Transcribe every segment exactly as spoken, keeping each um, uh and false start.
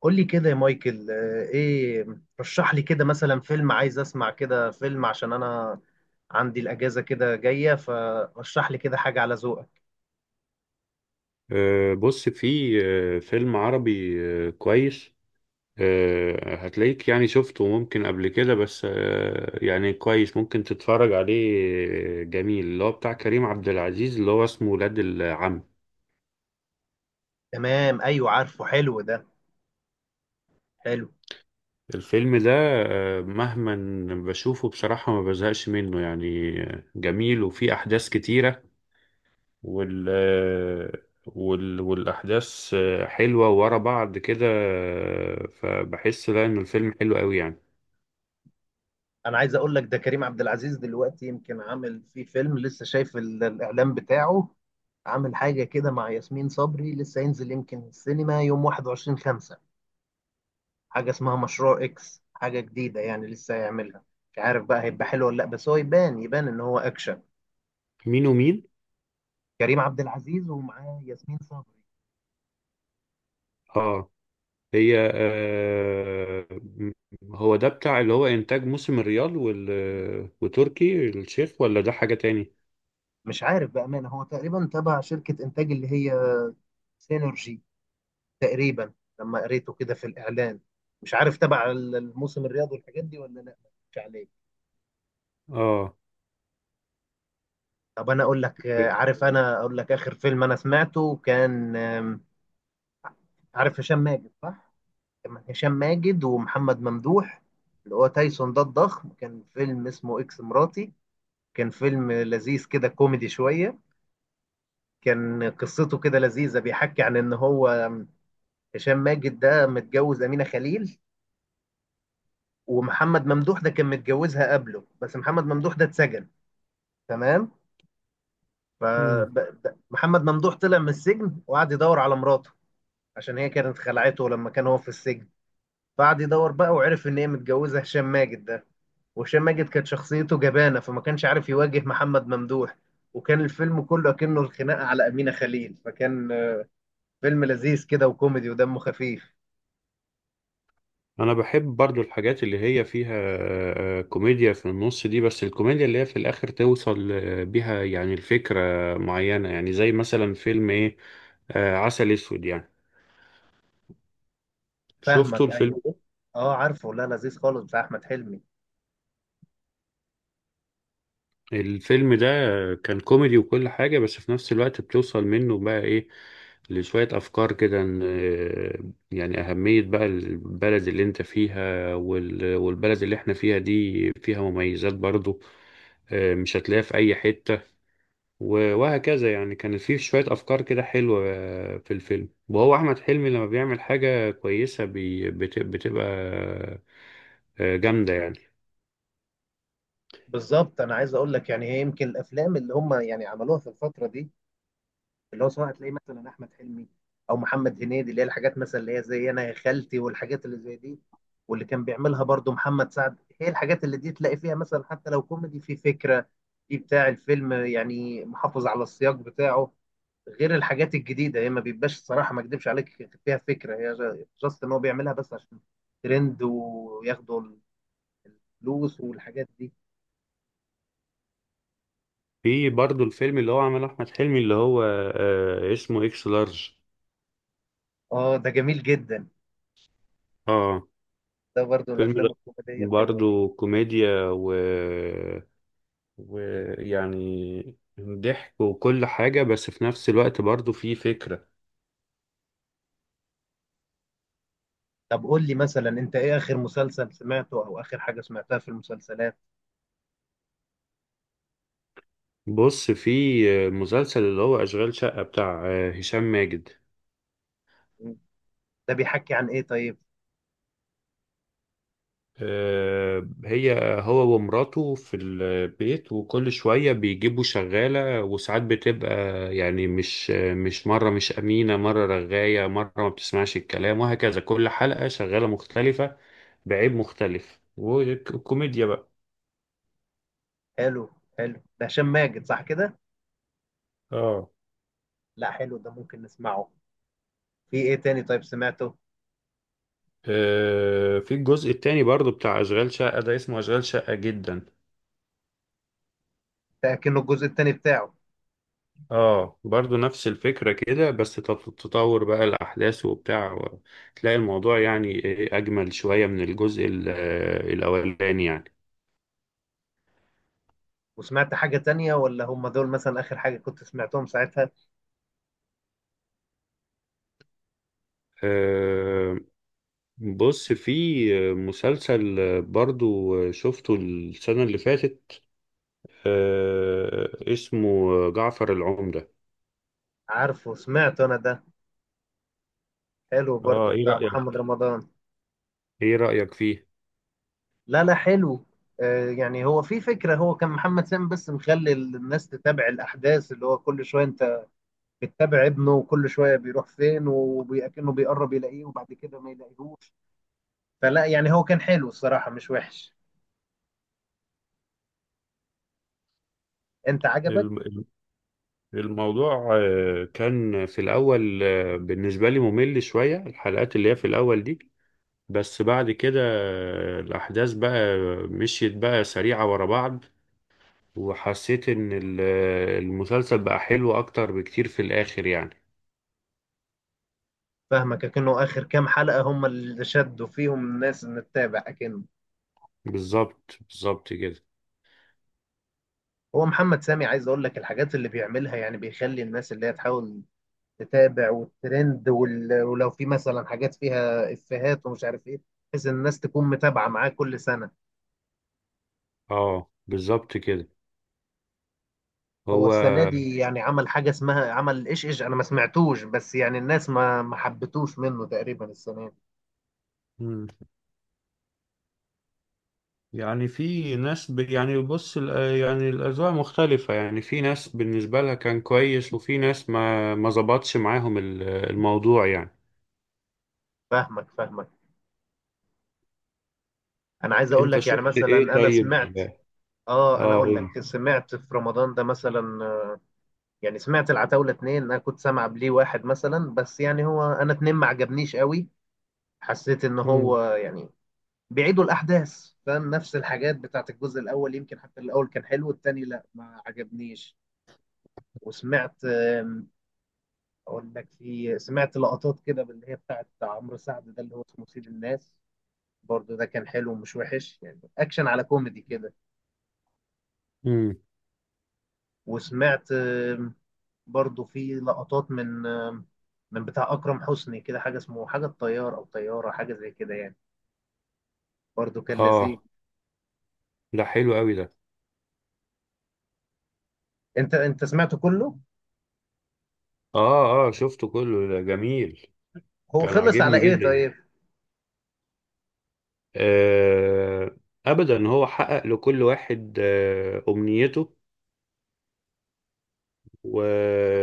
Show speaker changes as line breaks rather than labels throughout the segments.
قول لي كده يا مايكل آه، ايه. رشح لي كده مثلا فيلم، عايز اسمع كده فيلم عشان انا عندي الاجازه كده جايه، فرشح لي كده حاجه على ذوقك.
آه، بص في آه، فيلم عربي. آه، كويس. آه، هتلاقيك يعني شفته ممكن قبل كده، بس آه، يعني كويس ممكن تتفرج عليه. آه، جميل، اللي هو بتاع كريم عبد العزيز، اللي هو اسمه ولاد العم.
تمام، ايوه عارفه، حلو ده، حلو.
الفيلم ده، آه، مهما بشوفه بصراحة ما بزهقش منه، يعني آه، جميل وفيه أحداث كتيرة. وال آه، وال والأحداث آه، حلوة ورا بعض كده، آه، فبحس لا إن الفيلم حلو قوي يعني.
انا عايز اقول لك ده كريم عبد العزيز دلوقتي يمكن عامل فيه فيلم لسه، شايف ال- الاعلان بتاعه. عامل حاجه كده مع ياسمين صبري، لسه هينزل يمكن السينما يوم واحد وعشرين خمسة. حاجه اسمها مشروع اكس، حاجه جديده يعني لسه هيعملها. مش عارف بقى هيبقى حلو ولا لا، بس هو يبان يبان ان هو اكشن.
مين ومين؟
كريم عبد العزيز ومعاه ياسمين صبري.
اه، هي آه، هو ده بتاع اللي هو انتاج موسم الريال وال... وتركي الشيخ، ولا ده حاجة تاني؟
مش عارف بأمانة، هو تقريبا تبع شركة إنتاج اللي هي سينرجي تقريبا، لما قريته كده في الإعلان. مش عارف تبع الموسم الرياضي والحاجات دي ولا لا، مش عليه.
اه.
طب أنا أقول لك، آه، عارف، أنا أقول لك آخر فيلم أنا سمعته كان، آم، عارف هشام ماجد صح؟ كان هشام ماجد ومحمد ممدوح اللي هو تايسون ده الضخم. كان فيلم اسمه إكس مراتي، كان فيلم لذيذ كده، كوميدي شوية. كان قصته كده لذيذة، بيحكي عن إن هو هشام ماجد ده متجوز أمينة خليل، ومحمد ممدوح ده كان متجوزها قبله، بس محمد ممدوح ده اتسجن. تمام.
مم.
فمحمد ممدوح طلع من السجن وقعد يدور على مراته، عشان هي كانت خلعته لما كان هو في السجن. فقعد يدور بقى وعرف إن هي متجوزة هشام ماجد ده. وهشام ماجد كانت شخصيته جبانة، فما كانش عارف يواجه محمد ممدوح. وكان الفيلم كله كأنه الخناقة على أمينة خليل، فكان فيلم لذيذ كده وكوميدي ودمه خفيف.
انا بحب برضو الحاجات اللي هي فيها آه، كوميديا في النص دي، بس الكوميديا اللي هي في الاخر توصل آه، بيها يعني الفكرة معينة. يعني زي مثلا فيلم ايه، آه، عسل اسود يعني. شفتوا
فاهمك،
الفيلم
ايوه.
ده؟
اه عارفه، لا لذيذ خالص بتاع احمد حلمي.
الفيلم ده كان كوميدي وكل حاجة، بس في نفس الوقت بتوصل منه بقى إيه، لشوية أفكار كده، إن- آه، يعني أهمية بقى البلد اللي أنت فيها، وال- والبلد اللي إحنا فيها دي فيها مميزات برضو آه، مش هتلاقيها في أي حتة. و- وهكذا. يعني كان فيه شوية أفكار كده حلوة في الفيلم. وهو أحمد حلمي لما بيعمل حاجة كويسة بي- بت- بتبقى آه، جامدة يعني.
بالظبط، انا عايز اقول لك يعني، هي يمكن الافلام اللي هم يعني عملوها في الفتره دي، اللي هو سواء تلاقي مثلا احمد حلمي او محمد هنيدي، اللي هي الحاجات مثلا اللي هي زي انا يا خالتي والحاجات اللي زي دي، واللي كان بيعملها برضو محمد سعد، هي الحاجات اللي دي تلاقي فيها مثلا حتى لو كوميدي في فكره، في بتاع الفيلم يعني، محافظ على السياق بتاعه. غير الحاجات الجديده هي ما بيبقاش، الصراحه ما اكدبش عليك، فيها فكره، هي جاست ان هو بيعملها بس عشان ترند وياخدوا الفلوس والحاجات دي.
في برضو الفيلم اللي هو عمله احمد حلمي، اللي هو آه، اسمه اكس لارج.
اه ده جميل جدا،
اه،
ده برضو
فيلم ده
الافلام الكوميديه الحلوه.
برضو كوميديا و ويعني ضحك وكل حاجة، بس في نفس الوقت برضو في فكرة.
طب قول لي مثلا انت، ايه اخر مسلسل سمعته او اخر حاجه سمعتها في المسلسلات؟
بص، في مسلسل اللي هو أشغال شقة بتاع آه، هشام ماجد.
مم. ده بيحكي عن ايه طيب؟
آه، هي هو ومراته في البيت، وكل شوية بيجيبوا شغالة، وساعات بتبقى يعني مش مش مرة مش أمينة، مرة رغاية، مرة ما بتسمعش الكلام، وهكذا. كل حلقة شغالة مختلفة بعيب مختلف، وكوميديا بقى.
حلو، حلو، ده هشام ماجد صح كده؟
اه.
لا حلو ده، ممكن نسمعه. في ايه تاني طيب سمعته؟
آه، في الجزء التاني برضو بتاع أشغال شقة ده، اسمه أشغال شقة جدا.
ده كأنه الجزء التاني بتاعه.
اه، برضو نفس الفكرة كده، بس تط- تطور بقى الأحداث وبتاع، و- تلاقي الموضوع يعني إيه أجمل شوية من الجزء ال- آه، الأولاني يعني.
وسمعت حاجة تانية ولا هم دول مثلا آخر حاجة كنت سمعتهم ساعتها؟
آه، بص، في مسلسل برضو شفته السنة اللي فاتت، آه، اسمه جعفر العمدة.
عارفه سمعت أنا ده، حلو
اه،
برضو
ايه
بتاع محمد
رأيك؟
رمضان.
ايه رأيك فيه؟
لا لا حلو، آه، يعني هو في فكرة، هو كان محمد سامي بس مخلي الناس تتابع الأحداث، اللي هو كل شوية أنت بتتابع ابنه وكل شوية بيروح فين وكأنه بيقرب يلاقيه وبعد كده ما يلاقيهوش. فلا يعني هو كان حلو الصراحة، مش وحش. أنت عجبك؟
الم- الم- الموضوع آه، كان في الأول آه، بالنسبة لي ممل شوية، الحلقات اللي هي في الأول دي. بس بعد كده الأحداث بقى مشيت بقى سريعة ورا بعض، وحسيت إن ال- المسلسل بقى حلو أكتر بكتير في الآخر يعني.
فاهمك، أكنه آخر كام حلقة هم اللي شدوا فيهم الناس إن تتابع، أكنه
بالظبط بالظبط كده.
هو محمد سامي عايز أقول لك الحاجات اللي بيعملها، يعني بيخلي الناس اللي هي تحاول تتابع والترند وال... ولو في مثلا حاجات فيها افيهات ومش عارف ايه، بحيث ان الناس تكون متابعه معاه كل سنه.
اه بالظبط كده.
هو
هو
السنه دي يعني عمل حاجه اسمها عمل ايش ايش، انا ما سمعتوش، بس يعني الناس ما ما حبتوش منه تقريبا السنه دي.
مم. يعني في ناس ب... يعني بص ال- يعني الأذواق مختلفة. يعني في ناس بالنسبة لها كان كويس، وفي ناس ما ما ظبطش معاهم ال- الموضوع يعني.
فاهمك فاهمك، انا عايز اقول
انت
لك يعني
شفت
مثلا
ايه
انا
طيب؟
سمعت. اه انا
اه
اقول
قول.
لك، سمعت في رمضان ده مثلا، آه، يعني سمعت العتاوله اتنين، انا كنت سامع بليه واحد مثلا، بس يعني هو انا اتنين ما عجبنيش قوي، حسيت ان
مم.
هو يعني بيعيدوا الاحداث، فاهم، نفس الحاجات بتاعت الجزء الاول، يمكن حتى الاول كان حلو، التاني لا ما عجبنيش. وسمعت، آم، اقول لك، في سمعت لقطات كده اللي هي بتاعت عمرو سعد ده اللي هو اسمه سيد الناس. برضه ده كان حلو، ومش وحش، يعني اكشن على كوميدي كده.
مم.
وسمعت، آم، برضه في لقطات من، آم، من بتاع اكرم حسني كده، حاجه اسمه حاجه الطيار او طياره حاجه زي كده يعني، برضه كان لذيذ.
اه، ده حلو قوي ده.
انت انت سمعته كله؟
اه، اه شفته كله، ده جميل.
هو
كان
خلص على
عاجبني
ايه
جدا.
طيب؟
آه، ابدا، هو حقق لكل واحد آه، امنيته، و...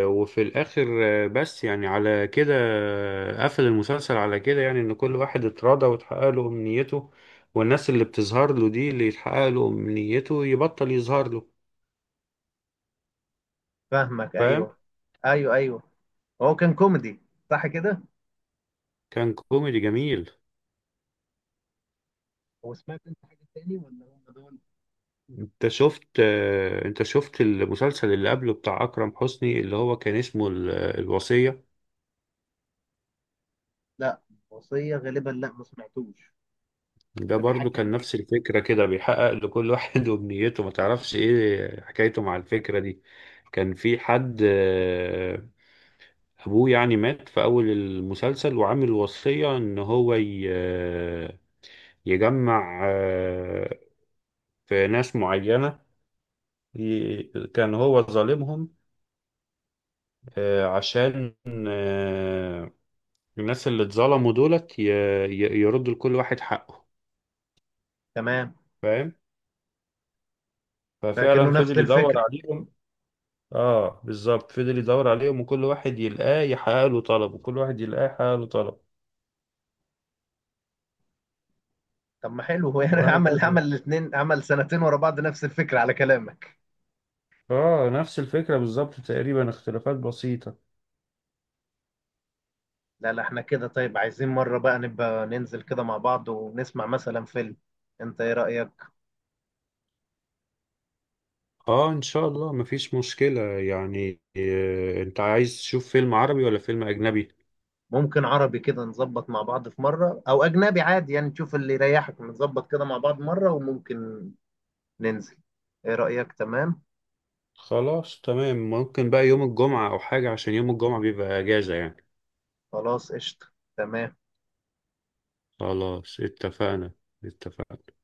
وفي الاخر آه، بس يعني على كده آه، قفل المسلسل على كده، يعني ان كل واحد اتراضى واتحقق له امنيته، والناس اللي بتظهر له دي اللي يتحقق له امنيته يبطل يظهر له.
فاهمك،
فاهم.
ايوه، ايوه، ايوه. هو كان كوميدي صح كده؟
كان كوميدي جميل.
هو سمعت انت حاجه تاني ولا هم دول؟
انت شفت آه، انت شفت المسلسل اللي قبله بتاع اكرم حسني، اللي هو كان اسمه ال- الوصية؟
لا، وصيه غالبا لا ما سمعتوش.
ده
ده
برضو
بيحكي عن
كان
ايه؟
نفس الفكرة كده، بيحقق لكل واحد وبنيته ما تعرفش ايه حكايته مع الفكرة دي. كان في حد آه، ابوه يعني مات في اول المسلسل، وعامل وصية ان هو ي- آه، يجمع آه، في ناس معينة، ي- كان هو ظالمهم آه، عشان آه، الناس اللي اتظلموا دولت ي... ي... يردوا لكل واحد حقه.
تمام،
فاهم؟
فكأنه
ففعلا
نفس
فضل يدور
الفكره.
عليهم. اه بالظبط، فضل يدور عليهم، وكل واحد يلقاه يحقق له طلب، وكل واحد يلقاه يحقق له طلب،
طب ما حلو هو يعني، عمل
وهكذا.
عمل الاثنين، عمل سنتين ورا بعض نفس الفكره على كلامك.
اه، نفس الفكرة بالظبط تقريبا، اختلافات بسيطة.
لا لا احنا كده طيب، عايزين مره بقى نبقى ننزل كده مع بعض ونسمع مثلا فيلم. انت ايه رأيك؟
اه ان شاء الله مفيش مشكلة يعني. آه، انت عايز تشوف فيلم عربي ولا فيلم اجنبي؟
ممكن عربي كده نظبط مع بعض في مرة، او اجنبي عادي يعني تشوف اللي يريحك، نظبط كده مع بعض مرة وممكن ننزل. ايه رأيك؟ تمام.
خلاص تمام، ممكن بقى يوم الجمعة او حاجة، عشان يوم الجمعة بيبقى اجازة يعني.
خلاص قشطة، تمام.
خلاص اتفقنا. اتفقنا.